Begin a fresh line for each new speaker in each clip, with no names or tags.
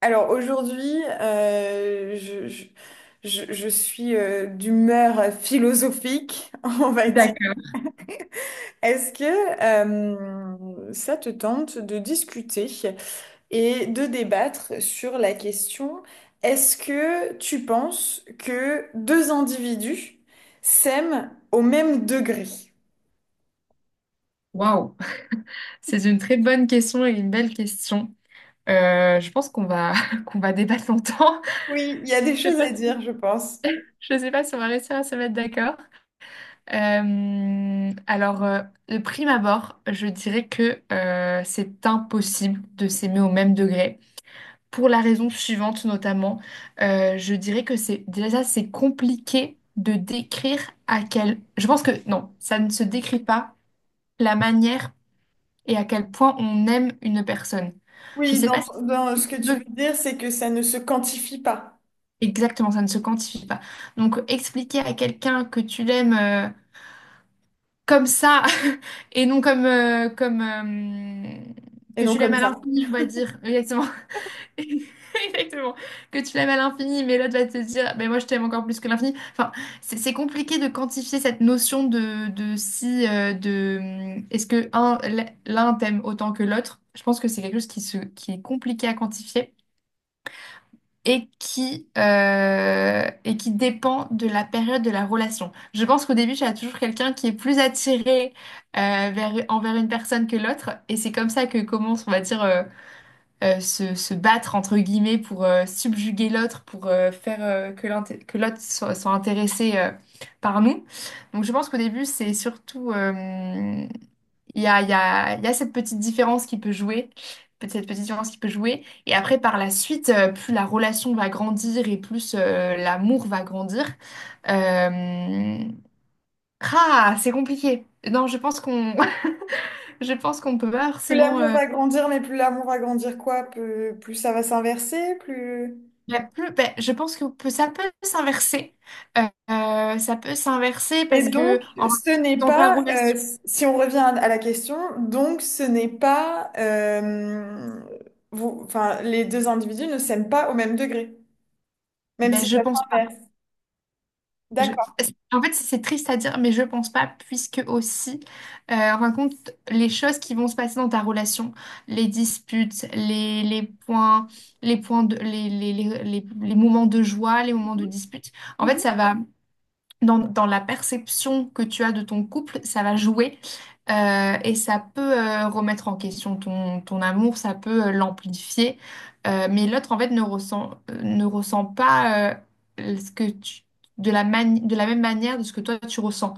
Alors aujourd'hui, je suis d'humeur philosophique, on va dire.
D'accord.
Est-ce que ça te tente de discuter et de débattre sur la question, est-ce que tu penses que deux individus s'aiment au même degré?
Waouh, c'est une très bonne question et une belle question. Je pense qu'on va qu'on va débattre longtemps.
Oui, il y a des
Je sais
choses à
pas si,
dire, je pense.
je sais pas si on va réussir à se mettre d'accord. De prime abord, je dirais que c'est impossible de s'aimer au même degré. Pour la raison suivante, notamment, je dirais que c'est compliqué de décrire à quel. Je pense que non, ça ne se décrit pas la manière et à quel point on aime une personne. Je
Oui,
ne sais pas si
dans
tu
ce que tu
veux
veux dire, c'est que ça ne se quantifie pas.
exactement, ça ne se quantifie pas. Donc, expliquer à quelqu'un que tu l'aimes comme ça et non comme,
Et
que
non
tu l'aimes
comme
à
ça.
l'infini, on va dire, exactement. Exactement. Que tu l'aimes à l'infini, mais l'autre va te dire, mais moi je t'aime encore plus que l'infini. Enfin, c'est compliqué de quantifier cette notion de si, de est-ce que l'un t'aime autant que l'autre? Je pense que c'est quelque chose qui est compliqué à quantifier et et qui dépend de la période de la relation. Je pense qu'au début, tu as toujours quelqu'un qui est plus attiré envers une personne que l'autre, et c'est comme ça que commence, on va dire. Se battre entre guillemets pour subjuguer l'autre, pour faire que que l'autre soit intéressé par nous. Donc je pense qu'au début, c'est surtout, il y a cette petite différence qui peut jouer. Cette petite différence qui peut jouer. Et après, par la suite, plus la relation va grandir et plus l'amour va grandir. Euh, Ah, c'est compliqué. Non, je pense qu'on je pense qu'on peut pas
Plus
forcément
l'amour va grandir, mais plus l'amour va grandir quoi? Plus ça va s'inverser, plus...
Ben, je pense que ça peut s'inverser. Euh, ça peut s'inverser
Et
parce
donc,
que
ce n'est
dans ta
pas,
relation,
si on revient à la question, donc ce n'est pas, vous, enfin, les deux individus ne s'aiment pas au même degré, même si
ben, je
ça
pense pas.
s'inverse.
Je-
D'accord.
en fait, c'est triste à dire, mais je pense pas, puisque aussi, en fin de compte, les choses qui vont se passer dans ta relation, les disputes, les points de, les moments de joie, les moments de dispute, en fait,
Mhm.
ça va. Dans la perception que tu as de ton couple, ça va jouer et ça peut remettre en question ton amour, ça peut l'amplifier. Mais l'autre, en fait, ne ressent pas euh, ce que tu, de de la même manière de ce que toi, tu ressens.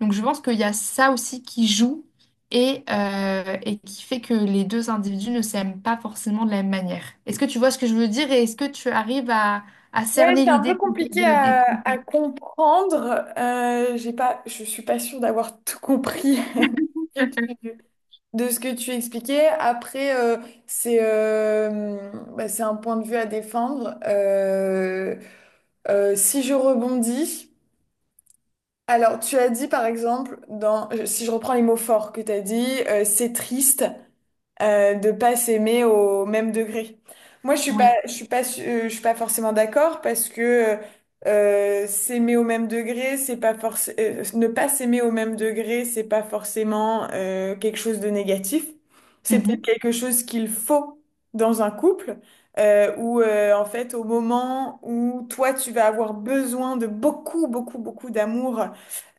Donc, je pense qu'il y a ça aussi qui joue et qui fait que les deux individus ne s'aiment pas forcément de la même manière. Est-ce que tu vois ce que je veux dire et est-ce que tu arrives à
Ouais,
cerner
c'est un peu
l'idée que j'essaie
compliqué
de
à
décrire?
comprendre. J'ai pas, je suis pas sûre d'avoir tout compris. De ce que tu expliquais, après, c'est bah, c'est un point de vue à défendre. Si je rebondis, alors tu as dit par exemple, si je reprends les mots forts que tu as dit, c'est triste, de pas s'aimer au même degré. Moi,
Oui.
je suis pas forcément d'accord parce que s'aimer au même degré, c'est pas forcément, ne pas s'aimer au même degré, c'est pas forcément quelque chose de négatif. C'est peut-être
Mhm,
quelque chose qu'il faut dans un couple. Où en fait au moment où toi tu vas avoir besoin de beaucoup beaucoup beaucoup d'amour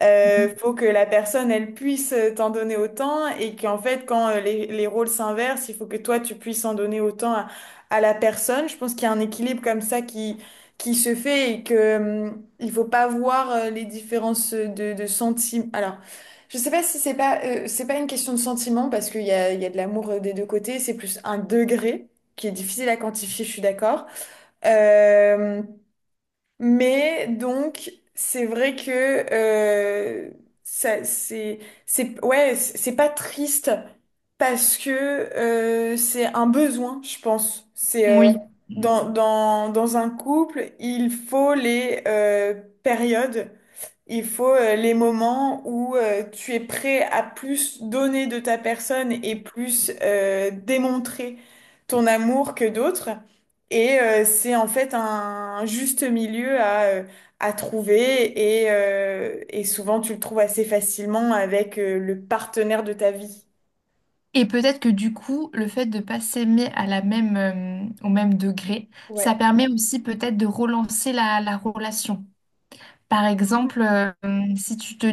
mhm.
faut que la personne, elle puisse t'en donner autant et qu'en fait, quand les rôles s'inversent, il faut que toi, tu puisses en donner autant à la personne. Je pense qu'il y a un équilibre comme ça qui se fait et que, il faut pas voir les différences de sentiments. Alors, je sais pas si c'est pas, c'est pas une question de sentiment parce il y a de l'amour des deux côtés. C'est plus un degré qui est difficile à quantifier, je suis d'accord. Euh, mais donc, c'est vrai que euh, ça, c'est, ouais, c'est pas triste parce que c'est un besoin, je pense. C'est
Oui.
dans un couple, il faut les périodes. Il faut les moments où tu es prêt à plus donner de ta personne et plus démontrer ton amour que d'autres. Et c'est en fait un juste milieu à trouver et souvent tu le trouves assez facilement avec le partenaire de ta vie.
Et peut-être que du coup, le fait de pas s'aimer à la même, au même degré, ça
Ouais.
permet aussi peut-être de relancer la relation. Par exemple, si tu te...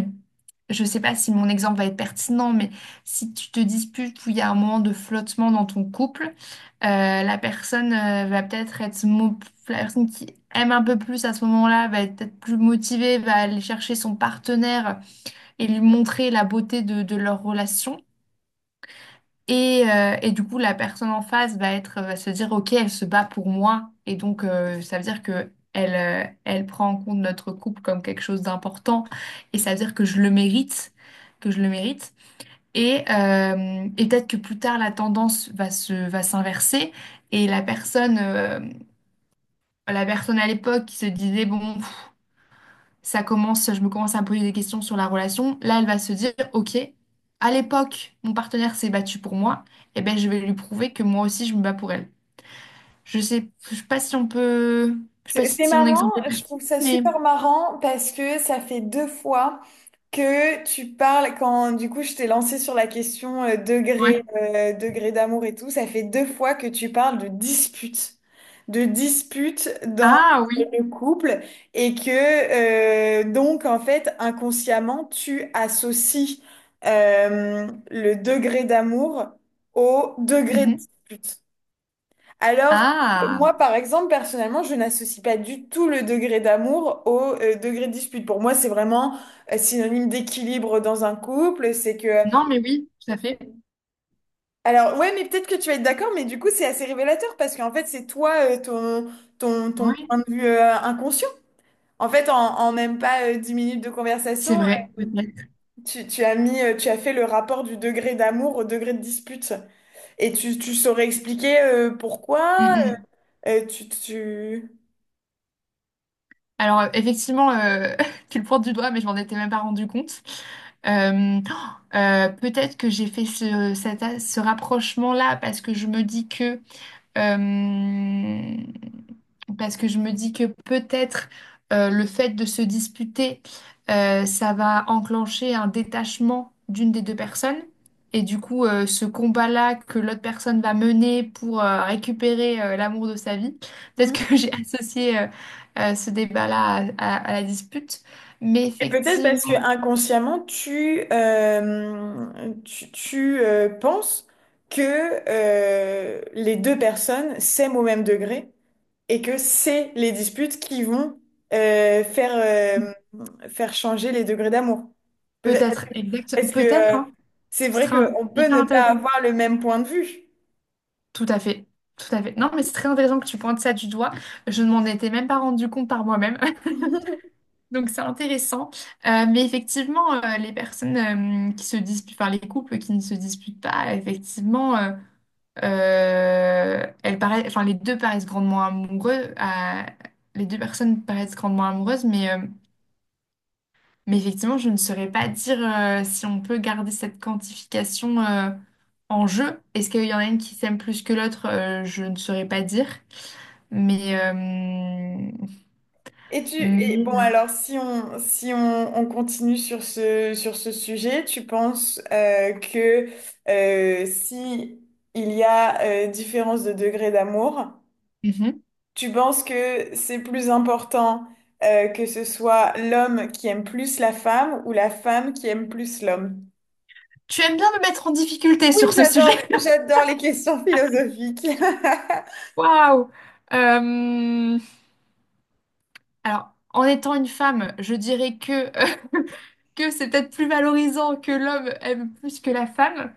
Je sais pas si mon exemple va être pertinent, mais si tu te disputes ou il y a un moment de flottement dans ton couple, la personne va peut-être être... mo- La personne qui aime un peu plus à ce moment-là va être peut-être plus motivée, va aller chercher son partenaire et lui montrer la beauté de leur relation. Et du coup, la personne en face va se dire, OK, elle se bat pour moi. Et donc, ça veut dire que elle prend en compte notre couple comme quelque chose d'important. Et ça veut dire que je le mérite, que je le mérite. Et peut-être que plus tard, la tendance va s'inverser. Et la personne à l'époque qui se disait, bon, pff, ça commence, je me commence à me poser des questions sur la relation. Là, elle va se dire, OK, à l'époque, mon partenaire s'est battu pour moi, et ben je vais lui prouver que moi aussi, je me bats pour elle. Je sais pas si on peut, je sais pas
C'est
si mon
marrant,
exemple est
je trouve
pertinent,
ça
mais
super marrant parce que ça fait deux fois que tu parles quand du coup je t'ai lancé sur la question
ouais.
degré d'amour et tout, ça fait deux fois que tu parles de dispute dans
Ah oui.
le couple et que donc en fait inconsciemment tu associes le degré d'amour au degré de
Mhm.
dispute. Alors,
Ah
moi, par exemple, personnellement, je n'associe pas du tout le degré d'amour au degré de dispute. Pour moi, c'est vraiment synonyme d'équilibre dans un couple. C'est que...
non, mais oui, tout à fait.
Alors, ouais, mais peut-être que tu vas être d'accord, mais du coup, c'est assez révélateur parce qu'en fait, c'est toi, ton
Oui,
point de vue inconscient. En fait, en même pas 10 minutes de
c'est
conversation,
vrai,
euh,
peut-être.
tu as mis, tu as fait le rapport du degré d'amour au degré de dispute. Et tu saurais expliquer
Mm,
pourquoi
mm, mm.
tu...
Alors, effectivement, tu le pointes du doigt, mais je m'en étais même pas rendu compte. Oh, peut-être que j'ai fait cet ce rapprochement-là parce que je me dis que euh, parce que je me dis que peut-être le fait de se disputer, ça va enclencher un détachement d'une des deux personnes. Et du coup, ce combat-là que l'autre personne va mener pour récupérer l'amour de sa vie, peut-être
hmm.
que j'ai associé ce débat-là à la dispute. Mais
Et peut-être parce que
effectivement,
inconsciemment, penses que les deux personnes s'aiment au même degré et que c'est les disputes qui vont euh, faire, euh, faire changer les degrés d'amour. Peut-être
peut-être,
parce
exact,
que
peut-être, hein,
c'est
ce
vrai
serait
qu'on peut
hyper
ne pas
intéressant.
avoir le même point de vue.
Tout à fait, tout à fait. Non, mais c'est très intéressant que tu pointes ça du doigt. Je ne m'en étais même pas rendu compte par moi-même. Donc c'est intéressant. Mais effectivement, les personnes qui se disputent, enfin les couples qui ne se disputent pas, effectivement, elles paraissent, enfin les deux paraissent grandement amoureux. Les deux personnes paraissent grandement amoureuses, mais effectivement, je ne saurais pas dire si on peut garder cette quantification en jeu. Est-ce qu'il y en a une qui s'aime plus que l'autre? Je ne saurais pas dire. Mais, euh,
Et tu et bon
mais-
alors si on, on continue sur ce sujet, tu penses que si il y a différence de degré d'amour,
Mhm.
tu penses que c'est plus important que ce soit l'homme qui aime plus la femme ou la femme qui aime plus l'homme?
Tu aimes bien me mettre en difficulté
Oui,
sur ce sujet.
j'adore les questions philosophiques.
Waouh! Euh, Alors, en étant une femme, je dirais que, que c'est peut-être plus valorisant que l'homme aime plus que la femme.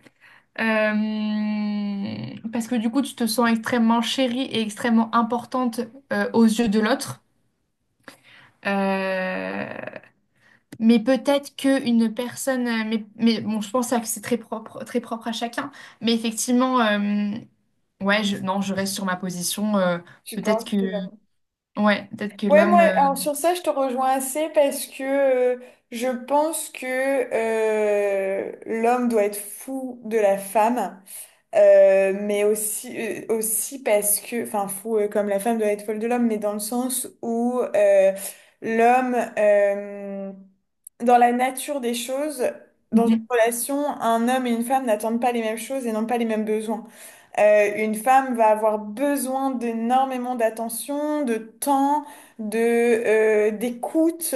Parce que du coup, tu te sens extrêmement chérie et extrêmement importante aux yeux de l'autre. Euh, Mais peut-être qu'une personne, mais bon, je pense que c'est très propre à chacun. Mais effectivement, ouais, non, je reste sur ma position.
Tu
Peut-être
penses
que,
que
ouais, peut-être que
ouais, moi,
l'homme...
alors sur ça, je te rejoins assez parce que je pense que l'homme doit être fou de la femme, mais aussi, aussi parce que, enfin, fou comme la femme doit être folle de l'homme, mais dans le sens où l'homme, euh, dans la nature des choses, dans une
mhm,
relation, un homme et une femme n'attendent pas les mêmes choses et n'ont pas les mêmes besoins. Une femme va avoir besoin d'énormément d'attention, de temps, de d'écoute,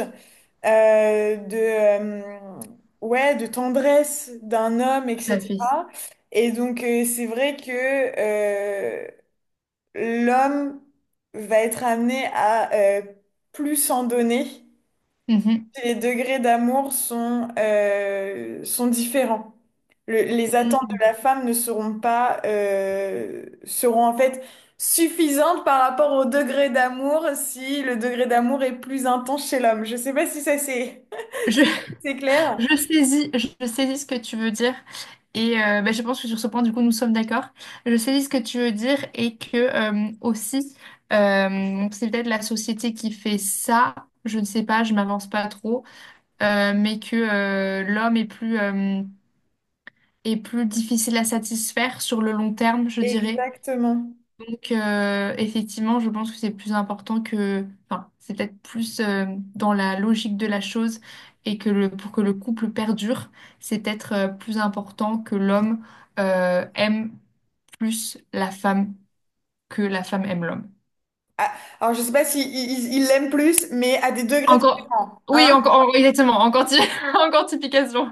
de ouais, de tendresse d'un homme,
tout à fait.
etc. Et donc c'est vrai que euh, l'homme va être amené à euh, plus en donner
Mhm.
les degrés d'amour sont, sont différents. Les attentes de la
Mhm.
femme ne seront pas, seront en fait suffisantes par rapport au degré d'amour si le degré d'amour est plus intense chez l'homme. Je sais pas si ça c'est
Je,
c'est clair.
je saisis ce que tu veux dire. Et bah, je pense que sur ce point, du coup, nous sommes d'accord. Je saisis ce que tu veux dire et que aussi, bon, c'est peut-être la société qui fait ça. Je ne sais pas, je m'avance pas trop. Mais que l'homme est plus difficile à satisfaire sur le long terme, je dirais.
Exactement.
Donc, effectivement, je pense que c'est plus important que, enfin, c'est peut-être plus dans la logique de la chose et que le, pour que le couple perdure, c'est peut-être plus important que l'homme aime plus la femme que la femme aime l'homme.
Ah, alors je sais pas si il l'aime plus, mais à des degrés
Encore,
différents.
oui,
Hein
encore, oh, exactement, encore, encore typication.